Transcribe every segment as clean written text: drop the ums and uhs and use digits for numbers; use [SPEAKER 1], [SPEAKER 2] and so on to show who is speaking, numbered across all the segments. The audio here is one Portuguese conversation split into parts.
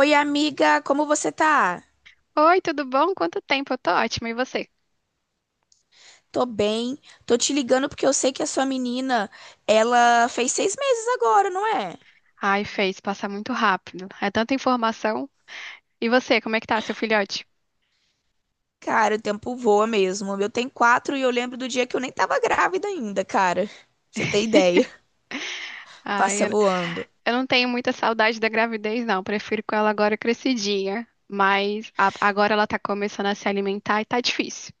[SPEAKER 1] Oi, amiga, como você tá?
[SPEAKER 2] Oi, tudo bom? Quanto tempo? Eu tô ótima. E você?
[SPEAKER 1] Tô bem. Tô te ligando porque eu sei que a sua menina, ela fez 6 meses agora, não é?
[SPEAKER 2] Ai, fez passar muito rápido. É tanta informação. E você, como é que tá, seu filhote?
[SPEAKER 1] Cara, o tempo voa mesmo. Eu tenho quatro e eu lembro do dia que eu nem tava grávida ainda, cara. Você tem ideia?
[SPEAKER 2] Ai,
[SPEAKER 1] Passa
[SPEAKER 2] eu,
[SPEAKER 1] voando.
[SPEAKER 2] eu não tenho muita saudade da gravidez, não. Prefiro com ela agora crescidinha. Mas agora ela tá começando a se alimentar e tá difícil.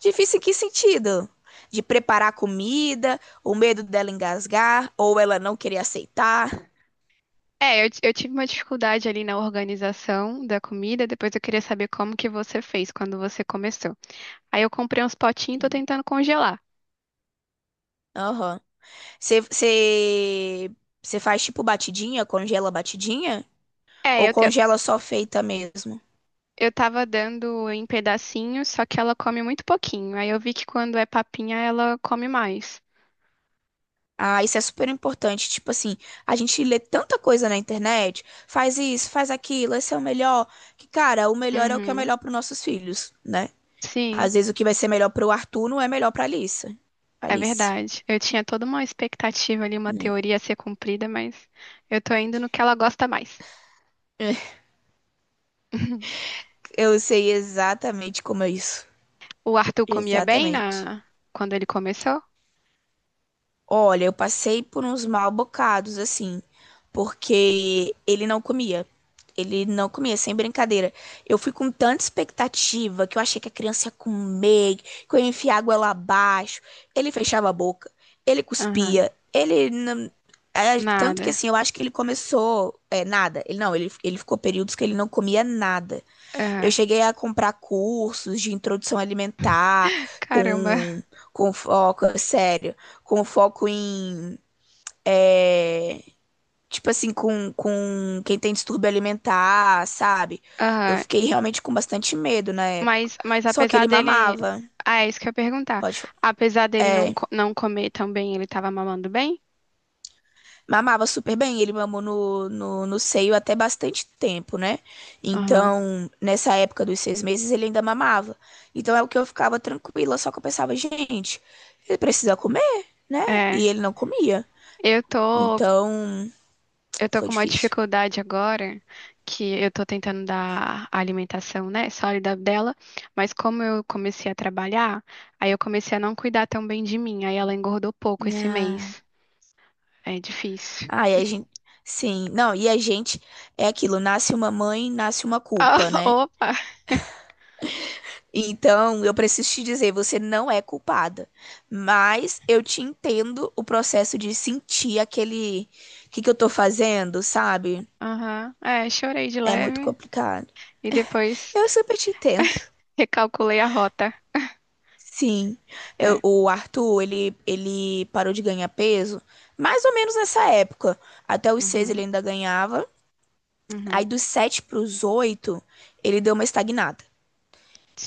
[SPEAKER 1] Difícil em que sentido? De preparar comida, o medo dela engasgar ou ela não querer aceitar?
[SPEAKER 2] É, eu tive uma dificuldade ali na organização da comida. Depois eu queria saber como que você fez quando você começou. Aí eu comprei uns potinhos e tô
[SPEAKER 1] Sim.
[SPEAKER 2] tentando congelar.
[SPEAKER 1] Aham. Você você- Você faz tipo batidinha, congela batidinha?
[SPEAKER 2] É,
[SPEAKER 1] Ou
[SPEAKER 2] eu, eu
[SPEAKER 1] congela só feita mesmo?
[SPEAKER 2] Eu tava dando em pedacinhos, só que ela come muito pouquinho. Aí eu vi que quando é papinha, ela come mais.
[SPEAKER 1] Ah, isso é super importante. Tipo assim, a gente lê tanta coisa na internet, faz isso, faz aquilo, esse é o melhor. Que, cara, o melhor é o que é
[SPEAKER 2] Uhum.
[SPEAKER 1] melhor para nossos filhos, né?
[SPEAKER 2] Sim,
[SPEAKER 1] Às vezes o que vai ser melhor para o Arthur não é melhor para Alice.
[SPEAKER 2] é
[SPEAKER 1] Alice.
[SPEAKER 2] verdade. Eu tinha toda uma expectativa ali, uma teoria a ser cumprida, mas eu tô indo no que ela gosta mais.
[SPEAKER 1] Eu sei exatamente como é isso.
[SPEAKER 2] O Arthur comia bem
[SPEAKER 1] Exatamente.
[SPEAKER 2] quando ele começou?
[SPEAKER 1] Olha, eu passei por uns mal bocados, assim, porque ele não comia. Ele não comia, sem brincadeira. Eu fui com tanta expectativa que eu achei que a criança ia comer, que eu ia enfiar a água lá abaixo. Ele fechava a boca, ele
[SPEAKER 2] Aham.
[SPEAKER 1] cuspia, ele. Não- é, tanto que
[SPEAKER 2] Nada.
[SPEAKER 1] assim, eu acho que ele começou. Nada. Ele ficou períodos que ele não comia nada. Eu
[SPEAKER 2] Aham.
[SPEAKER 1] cheguei a comprar cursos de introdução alimentar
[SPEAKER 2] Caramba.
[SPEAKER 1] com, com, foco, sério, com foco em, é, tipo assim, com quem tem distúrbio alimentar, sabe? Eu
[SPEAKER 2] Aham.
[SPEAKER 1] fiquei realmente com bastante medo na época.
[SPEAKER 2] Mas
[SPEAKER 1] Só que
[SPEAKER 2] apesar
[SPEAKER 1] ele
[SPEAKER 2] dele.
[SPEAKER 1] mamava.
[SPEAKER 2] Ah, é isso que eu ia perguntar.
[SPEAKER 1] Pode
[SPEAKER 2] Apesar dele não comer tão bem, ele tava mamando bem?
[SPEAKER 1] mamava super bem, ele mamou no seio até bastante tempo, né? Então, nessa época dos 6 meses, ele ainda mamava. Então, é o que eu ficava tranquila, só que eu pensava, gente, ele precisa comer, né?
[SPEAKER 2] É,
[SPEAKER 1] E ele não comia.
[SPEAKER 2] eu tô,
[SPEAKER 1] Então,
[SPEAKER 2] eu tô
[SPEAKER 1] foi
[SPEAKER 2] com uma
[SPEAKER 1] difícil.
[SPEAKER 2] dificuldade agora, que eu tô tentando dar a alimentação, né, sólida dela, mas como eu comecei a trabalhar, aí eu comecei a não cuidar tão bem de mim, aí ela engordou pouco esse
[SPEAKER 1] Ah,
[SPEAKER 2] mês. É difícil.
[SPEAKER 1] ah, a gente. Sim, não, e a gente é aquilo, nasce uma mãe, nasce uma
[SPEAKER 2] Ah,
[SPEAKER 1] culpa, né?
[SPEAKER 2] opa!
[SPEAKER 1] Então, eu preciso te dizer, você não é culpada, mas eu te entendo o processo de sentir aquele, o que que eu tô fazendo, sabe?
[SPEAKER 2] Aham, é, chorei de
[SPEAKER 1] É muito
[SPEAKER 2] leve
[SPEAKER 1] complicado.
[SPEAKER 2] e depois
[SPEAKER 1] Eu super te entendo.
[SPEAKER 2] recalculei a rota.
[SPEAKER 1] Sim, eu-
[SPEAKER 2] É.
[SPEAKER 1] o Arthur, ele parou de ganhar peso mais ou menos nessa época. Até os seis ele
[SPEAKER 2] Uhum,
[SPEAKER 1] ainda ganhava, aí
[SPEAKER 2] uhum,
[SPEAKER 1] dos sete para os oito ele deu uma estagnada.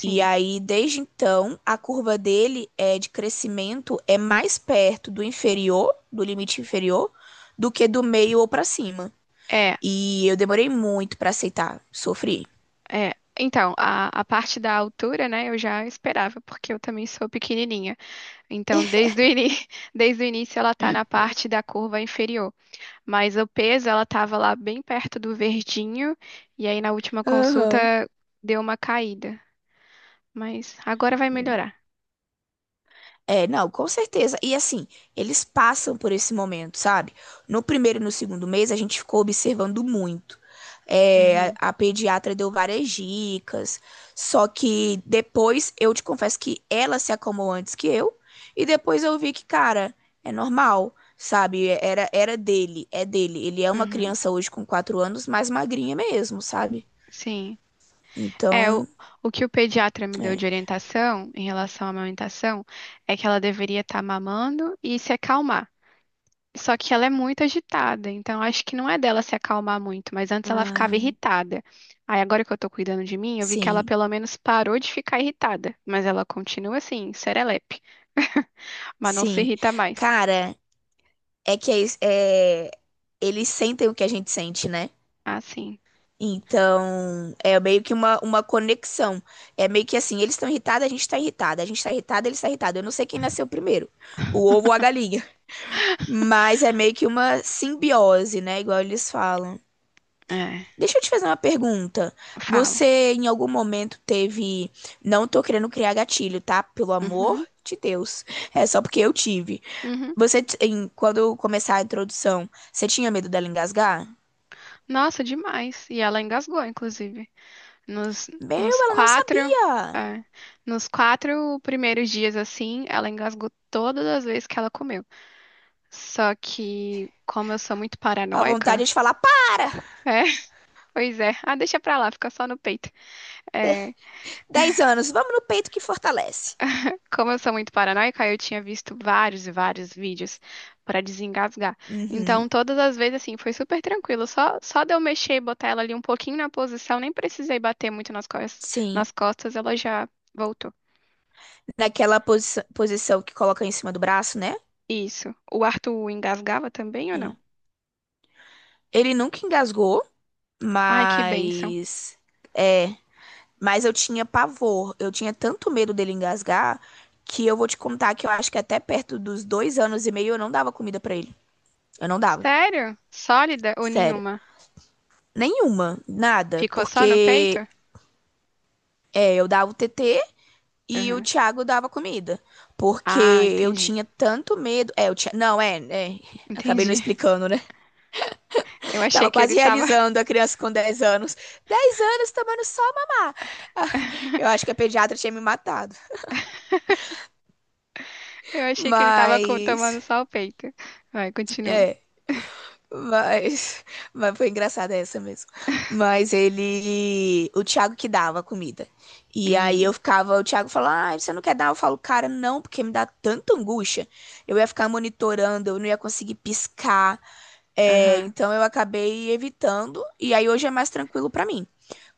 [SPEAKER 1] E aí, desde então, a curva dele é de crescimento é mais perto do inferior, do limite inferior, do que do meio ou para cima.
[SPEAKER 2] É,
[SPEAKER 1] E eu demorei muito para aceitar, sofri.
[SPEAKER 2] é. Então, a parte da altura, né, eu já esperava, porque eu também sou pequenininha. Então, desde o início ela tá na parte da curva inferior, mas o peso ela tava lá bem perto do verdinho e aí na última
[SPEAKER 1] Aham.
[SPEAKER 2] consulta deu uma caída, mas agora vai melhorar.
[SPEAKER 1] É, não, com certeza. E assim, eles passam por esse momento, sabe? No primeiro e no segundo mês, a gente ficou observando muito.
[SPEAKER 2] Uhum,
[SPEAKER 1] A, pediatra deu várias dicas, só que depois eu te confesso que ela se acalmou antes que eu, e depois eu vi que, cara, é normal, sabe? Era dele, é dele. Ele é uma
[SPEAKER 2] uhum,
[SPEAKER 1] criança hoje com 4 anos, mais magrinha mesmo, sabe?
[SPEAKER 2] sim. É, o,
[SPEAKER 1] Então,
[SPEAKER 2] o que o pediatra me deu
[SPEAKER 1] é,
[SPEAKER 2] de orientação em relação à amamentação é que ela deveria estar mamando e se acalmar. Só que ela é muito agitada, então acho que não é dela se acalmar muito, mas antes ela ficava
[SPEAKER 1] ah,
[SPEAKER 2] irritada. Aí agora que eu tô cuidando de mim, eu vi que ela
[SPEAKER 1] sim,
[SPEAKER 2] pelo menos parou de ficar irritada, mas ela continua assim, serelepe, mas não se
[SPEAKER 1] sim.
[SPEAKER 2] irrita mais.
[SPEAKER 1] Cara. É que é, é, Eles sentem o que a gente sente, né?
[SPEAKER 2] Ah, sim.
[SPEAKER 1] Então, é meio que uma conexão. É meio que assim, eles estão irritados, a gente tá irritada. A gente tá irritada, eles estão irritados. Eu não sei quem nasceu primeiro, o ovo ou a galinha. Mas é meio que uma simbiose, né? Igual eles falam.
[SPEAKER 2] É,
[SPEAKER 1] Deixa eu te fazer uma pergunta.
[SPEAKER 2] falo.
[SPEAKER 1] Você, em algum momento, teve. Não tô querendo criar gatilho, tá? Pelo amor
[SPEAKER 2] Uhum,
[SPEAKER 1] de Deus. É só porque eu tive.
[SPEAKER 2] uhum.
[SPEAKER 1] Você, quando começar a introdução, você tinha medo dela engasgar?
[SPEAKER 2] Nossa, demais. E ela engasgou, inclusive. Nos,
[SPEAKER 1] Meu,
[SPEAKER 2] nos
[SPEAKER 1] ela não
[SPEAKER 2] quatro,
[SPEAKER 1] sabia.
[SPEAKER 2] é, nos quatro primeiros dias, assim, ela engasgou todas as vezes que ela comeu. Só que, como eu sou muito
[SPEAKER 1] A vontade
[SPEAKER 2] paranoica,
[SPEAKER 1] é de falar, para!
[SPEAKER 2] é, pois é. Ah, deixa pra lá, fica só no peito. É,
[SPEAKER 1] 10 anos, vamos no peito que fortalece.
[SPEAKER 2] como eu sou muito paranoica, eu tinha visto vários e vários vídeos pra desengasgar.
[SPEAKER 1] Uhum,
[SPEAKER 2] Então, todas as vezes, assim, foi super tranquilo. Só de eu mexer e botar ela ali um pouquinho na posição, nem precisei bater muito
[SPEAKER 1] sim.
[SPEAKER 2] nas costas, ela já voltou.
[SPEAKER 1] Naquela posição que coloca em cima do braço, né?
[SPEAKER 2] Isso. O Arthur engasgava também ou não?
[SPEAKER 1] É. Ele nunca engasgou,
[SPEAKER 2] Ai, que bênção.
[SPEAKER 1] mas. É. Mas eu tinha pavor. Eu tinha tanto medo dele engasgar que eu vou te contar que eu acho que até perto dos 2 anos e meio eu não dava comida pra ele. Eu não dava.
[SPEAKER 2] Sério? Sólida ou
[SPEAKER 1] Sério.
[SPEAKER 2] nenhuma?
[SPEAKER 1] Nenhuma, nada,
[SPEAKER 2] Ficou só no
[SPEAKER 1] porque
[SPEAKER 2] peito?
[SPEAKER 1] eu dava o TT e o
[SPEAKER 2] Aham.
[SPEAKER 1] Thiago dava comida. Porque
[SPEAKER 2] Ah,
[SPEAKER 1] eu
[SPEAKER 2] entendi.
[SPEAKER 1] tinha tanto medo. É, o Thi... Não, é, é. Acabei não
[SPEAKER 2] Entendi.
[SPEAKER 1] explicando, né?
[SPEAKER 2] Eu achei
[SPEAKER 1] Tava
[SPEAKER 2] que ele
[SPEAKER 1] quase
[SPEAKER 2] tava.
[SPEAKER 1] realizando a criança com 10 anos. Dez anos tomando só mamar. Ah, eu acho que a pediatra tinha me matado.
[SPEAKER 2] Eu achei que ele tava
[SPEAKER 1] Mas.
[SPEAKER 2] tomando só o peito. Vai, continua.
[SPEAKER 1] É. Mas, mas foi engraçada essa mesmo. Mas ele, o Thiago que dava a comida. E aí eu
[SPEAKER 2] Uhum.
[SPEAKER 1] ficava, o Thiago falava, ah, você não quer dar? Eu falo, cara, não, porque me dá tanta angústia. Eu ia ficar monitorando, eu não ia conseguir piscar. É,
[SPEAKER 2] Aham.
[SPEAKER 1] então eu acabei evitando. E aí hoje é mais tranquilo pra mim.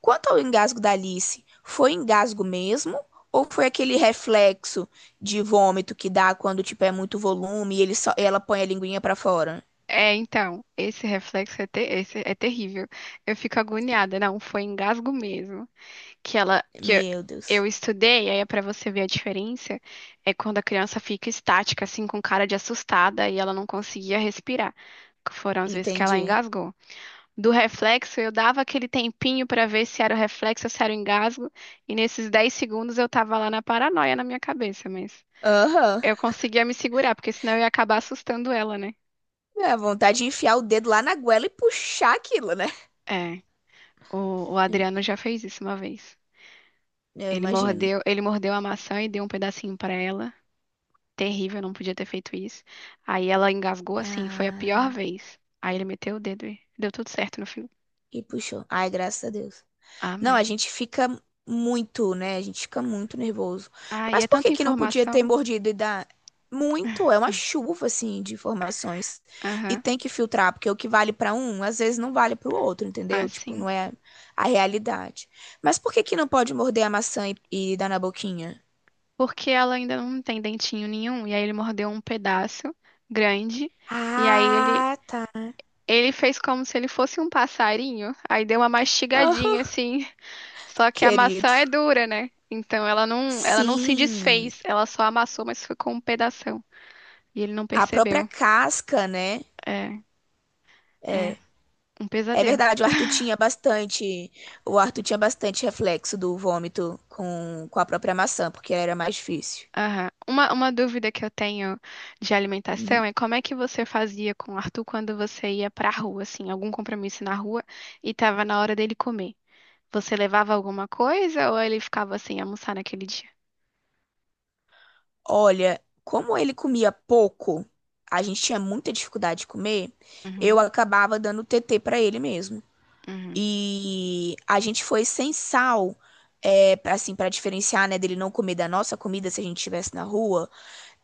[SPEAKER 1] Quanto ao engasgo da Alice, foi engasgo mesmo? Ou foi aquele reflexo de vômito que dá quando, tipo, é muito volume e ele só, ela põe a linguinha pra fora?
[SPEAKER 2] É, então, esse reflexo esse é terrível. Eu fico agoniada. Não, foi engasgo mesmo. Que ela, que
[SPEAKER 1] Meu
[SPEAKER 2] eu
[SPEAKER 1] Deus.
[SPEAKER 2] estudei, aí é pra você ver a diferença, é quando a criança fica estática, assim, com cara de assustada e ela não conseguia respirar. Foram as vezes que ela
[SPEAKER 1] Entendi.
[SPEAKER 2] engasgou. Do reflexo, eu dava aquele tempinho para ver se era o reflexo ou se era o engasgo, e nesses 10 segundos eu tava lá na paranoia na minha cabeça, mas
[SPEAKER 1] Aham.
[SPEAKER 2] eu conseguia me segurar, porque senão eu ia acabar assustando ela, né?
[SPEAKER 1] É, a vontade de enfiar o dedo lá na goela e puxar aquilo, né?
[SPEAKER 2] É, o, o Adriano já fez isso uma vez.
[SPEAKER 1] Eu
[SPEAKER 2] Ele
[SPEAKER 1] imagino.
[SPEAKER 2] mordeu, ele mordeu a maçã e deu um pedacinho pra ela. Terrível, não podia ter feito isso. Aí ela engasgou assim, foi a pior
[SPEAKER 1] Ah,
[SPEAKER 2] vez. Aí ele meteu o dedo e deu tudo certo no fim.
[SPEAKER 1] e puxou. Ai, graças a Deus. Não,
[SPEAKER 2] Amém.
[SPEAKER 1] a gente fica muito, né? A gente fica muito nervoso.
[SPEAKER 2] Ai,
[SPEAKER 1] Mas
[SPEAKER 2] é
[SPEAKER 1] por
[SPEAKER 2] tanta
[SPEAKER 1] que que não podia ter
[SPEAKER 2] informação.
[SPEAKER 1] mordido e dar muito? É uma chuva, assim, de informações. E
[SPEAKER 2] Aham.
[SPEAKER 1] tem que filtrar, porque o que vale pra um, às vezes não vale pro outro,
[SPEAKER 2] Ah,
[SPEAKER 1] entendeu? Tipo,
[SPEAKER 2] sim.
[SPEAKER 1] não é a realidade. Mas por que que não pode morder a maçã e dar na boquinha?
[SPEAKER 2] Porque ela ainda não tem dentinho nenhum, e aí ele mordeu um pedaço grande, e aí ele
[SPEAKER 1] Ah,
[SPEAKER 2] ele fez como se ele fosse um passarinho, aí deu uma
[SPEAKER 1] tá.
[SPEAKER 2] mastigadinha assim, só que a maçã é
[SPEAKER 1] Querido.
[SPEAKER 2] dura, né? Então ela não se
[SPEAKER 1] Sim,
[SPEAKER 2] desfez, ela só amassou, mas ficou um pedação, e ele não
[SPEAKER 1] a própria
[SPEAKER 2] percebeu.
[SPEAKER 1] casca, né?
[SPEAKER 2] É, é um
[SPEAKER 1] É
[SPEAKER 2] pesadelo.
[SPEAKER 1] verdade, o Arthur tinha bastante, o Arthur tinha bastante reflexo do vômito com, a própria maçã, porque era mais difícil.
[SPEAKER 2] Aham. Uma dúvida que eu tenho de alimentação é como é que você fazia com o Arthur quando você ia pra rua, assim, algum compromisso na rua e tava na hora dele comer? Você levava alguma coisa ou ele ficava sem almoçar naquele dia?
[SPEAKER 1] Olha, como ele comia pouco, a gente tinha muita dificuldade de comer, eu
[SPEAKER 2] Uhum,
[SPEAKER 1] acabava dando TT pra ele mesmo.
[SPEAKER 2] uhum.
[SPEAKER 1] E a gente foi sem sal, pra, assim, para diferenciar, né, dele não comer da nossa comida se a gente estivesse na rua,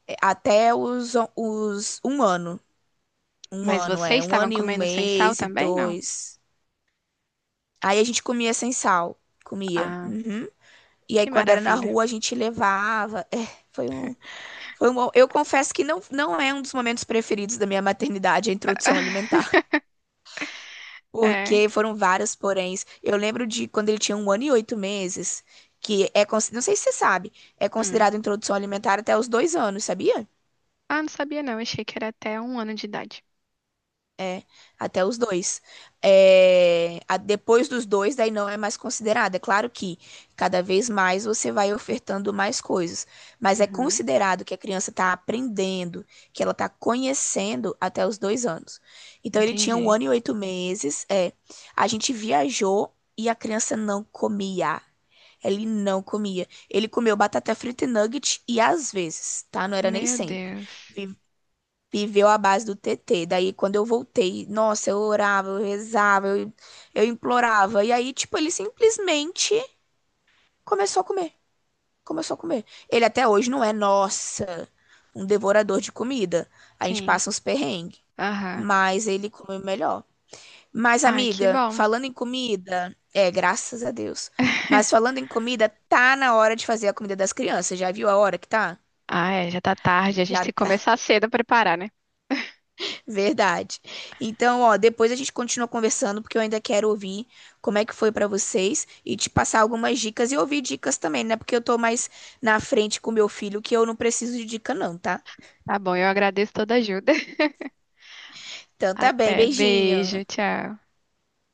[SPEAKER 1] até os 1 ano. Um
[SPEAKER 2] Mas
[SPEAKER 1] ano,
[SPEAKER 2] vocês
[SPEAKER 1] é. Um
[SPEAKER 2] estavam
[SPEAKER 1] ano e um
[SPEAKER 2] comendo sem sal
[SPEAKER 1] mês e
[SPEAKER 2] também, não?
[SPEAKER 1] dois. Aí a gente comia sem sal. Comia.
[SPEAKER 2] Ah,
[SPEAKER 1] Uhum. E aí,
[SPEAKER 2] que
[SPEAKER 1] quando era na
[SPEAKER 2] maravilha.
[SPEAKER 1] rua, a gente levava. É, foi um, foi um. Eu confesso que não, não é um dos momentos preferidos da minha maternidade, a introdução alimentar.
[SPEAKER 2] É.
[SPEAKER 1] Porque foram vários poréns. Eu lembro de quando ele tinha 1 ano e 8 meses, que é. Cons- não sei se você sabe, é
[SPEAKER 2] Hum.
[SPEAKER 1] considerado introdução alimentar até os 2 anos, sabia?
[SPEAKER 2] Ah, não sabia não. Achei que era até 1 ano de idade.
[SPEAKER 1] É, até os dois. Depois dos dois, daí não é mais considerado. É claro que cada vez mais você vai ofertando mais coisas, mas é
[SPEAKER 2] Uhum.
[SPEAKER 1] considerado que a criança está aprendendo, que ela está conhecendo até os 2 anos. Então ele tinha um
[SPEAKER 2] Entendi.
[SPEAKER 1] ano e oito meses. A gente viajou e a criança não comia. Ele não comia. Ele comeu batata frita e nugget e às vezes, tá? Não era nem
[SPEAKER 2] Meu
[SPEAKER 1] sempre.
[SPEAKER 2] Deus.
[SPEAKER 1] Viveu à base do TT. Daí, quando eu voltei, nossa, eu orava, eu rezava, eu implorava. E aí, tipo, ele simplesmente começou a comer. Começou a comer. Ele até hoje não é, nossa, um devorador de comida. A gente
[SPEAKER 2] Sim.
[SPEAKER 1] passa uns perrengues.
[SPEAKER 2] Aham.
[SPEAKER 1] Mas ele come melhor. Mas,
[SPEAKER 2] Ai, que
[SPEAKER 1] amiga,
[SPEAKER 2] bom.
[SPEAKER 1] falando em comida, graças a Deus. Mas falando em comida, tá na hora de fazer a comida das crianças. Já viu a hora que tá?
[SPEAKER 2] Ah, é, já tá tarde. A gente
[SPEAKER 1] Já
[SPEAKER 2] tem que
[SPEAKER 1] tá.
[SPEAKER 2] começar cedo a preparar, né?
[SPEAKER 1] Verdade. Então, ó, depois a gente continua conversando, porque eu ainda quero ouvir como é que foi pra vocês e te passar algumas dicas e ouvir dicas também, né? Porque eu tô mais na frente com meu filho, que eu não preciso de dica, não, tá?
[SPEAKER 2] Tá bom, eu agradeço toda a ajuda.
[SPEAKER 1] Então, tá bem.
[SPEAKER 2] Até.
[SPEAKER 1] Beijinho.
[SPEAKER 2] Beijo, tchau.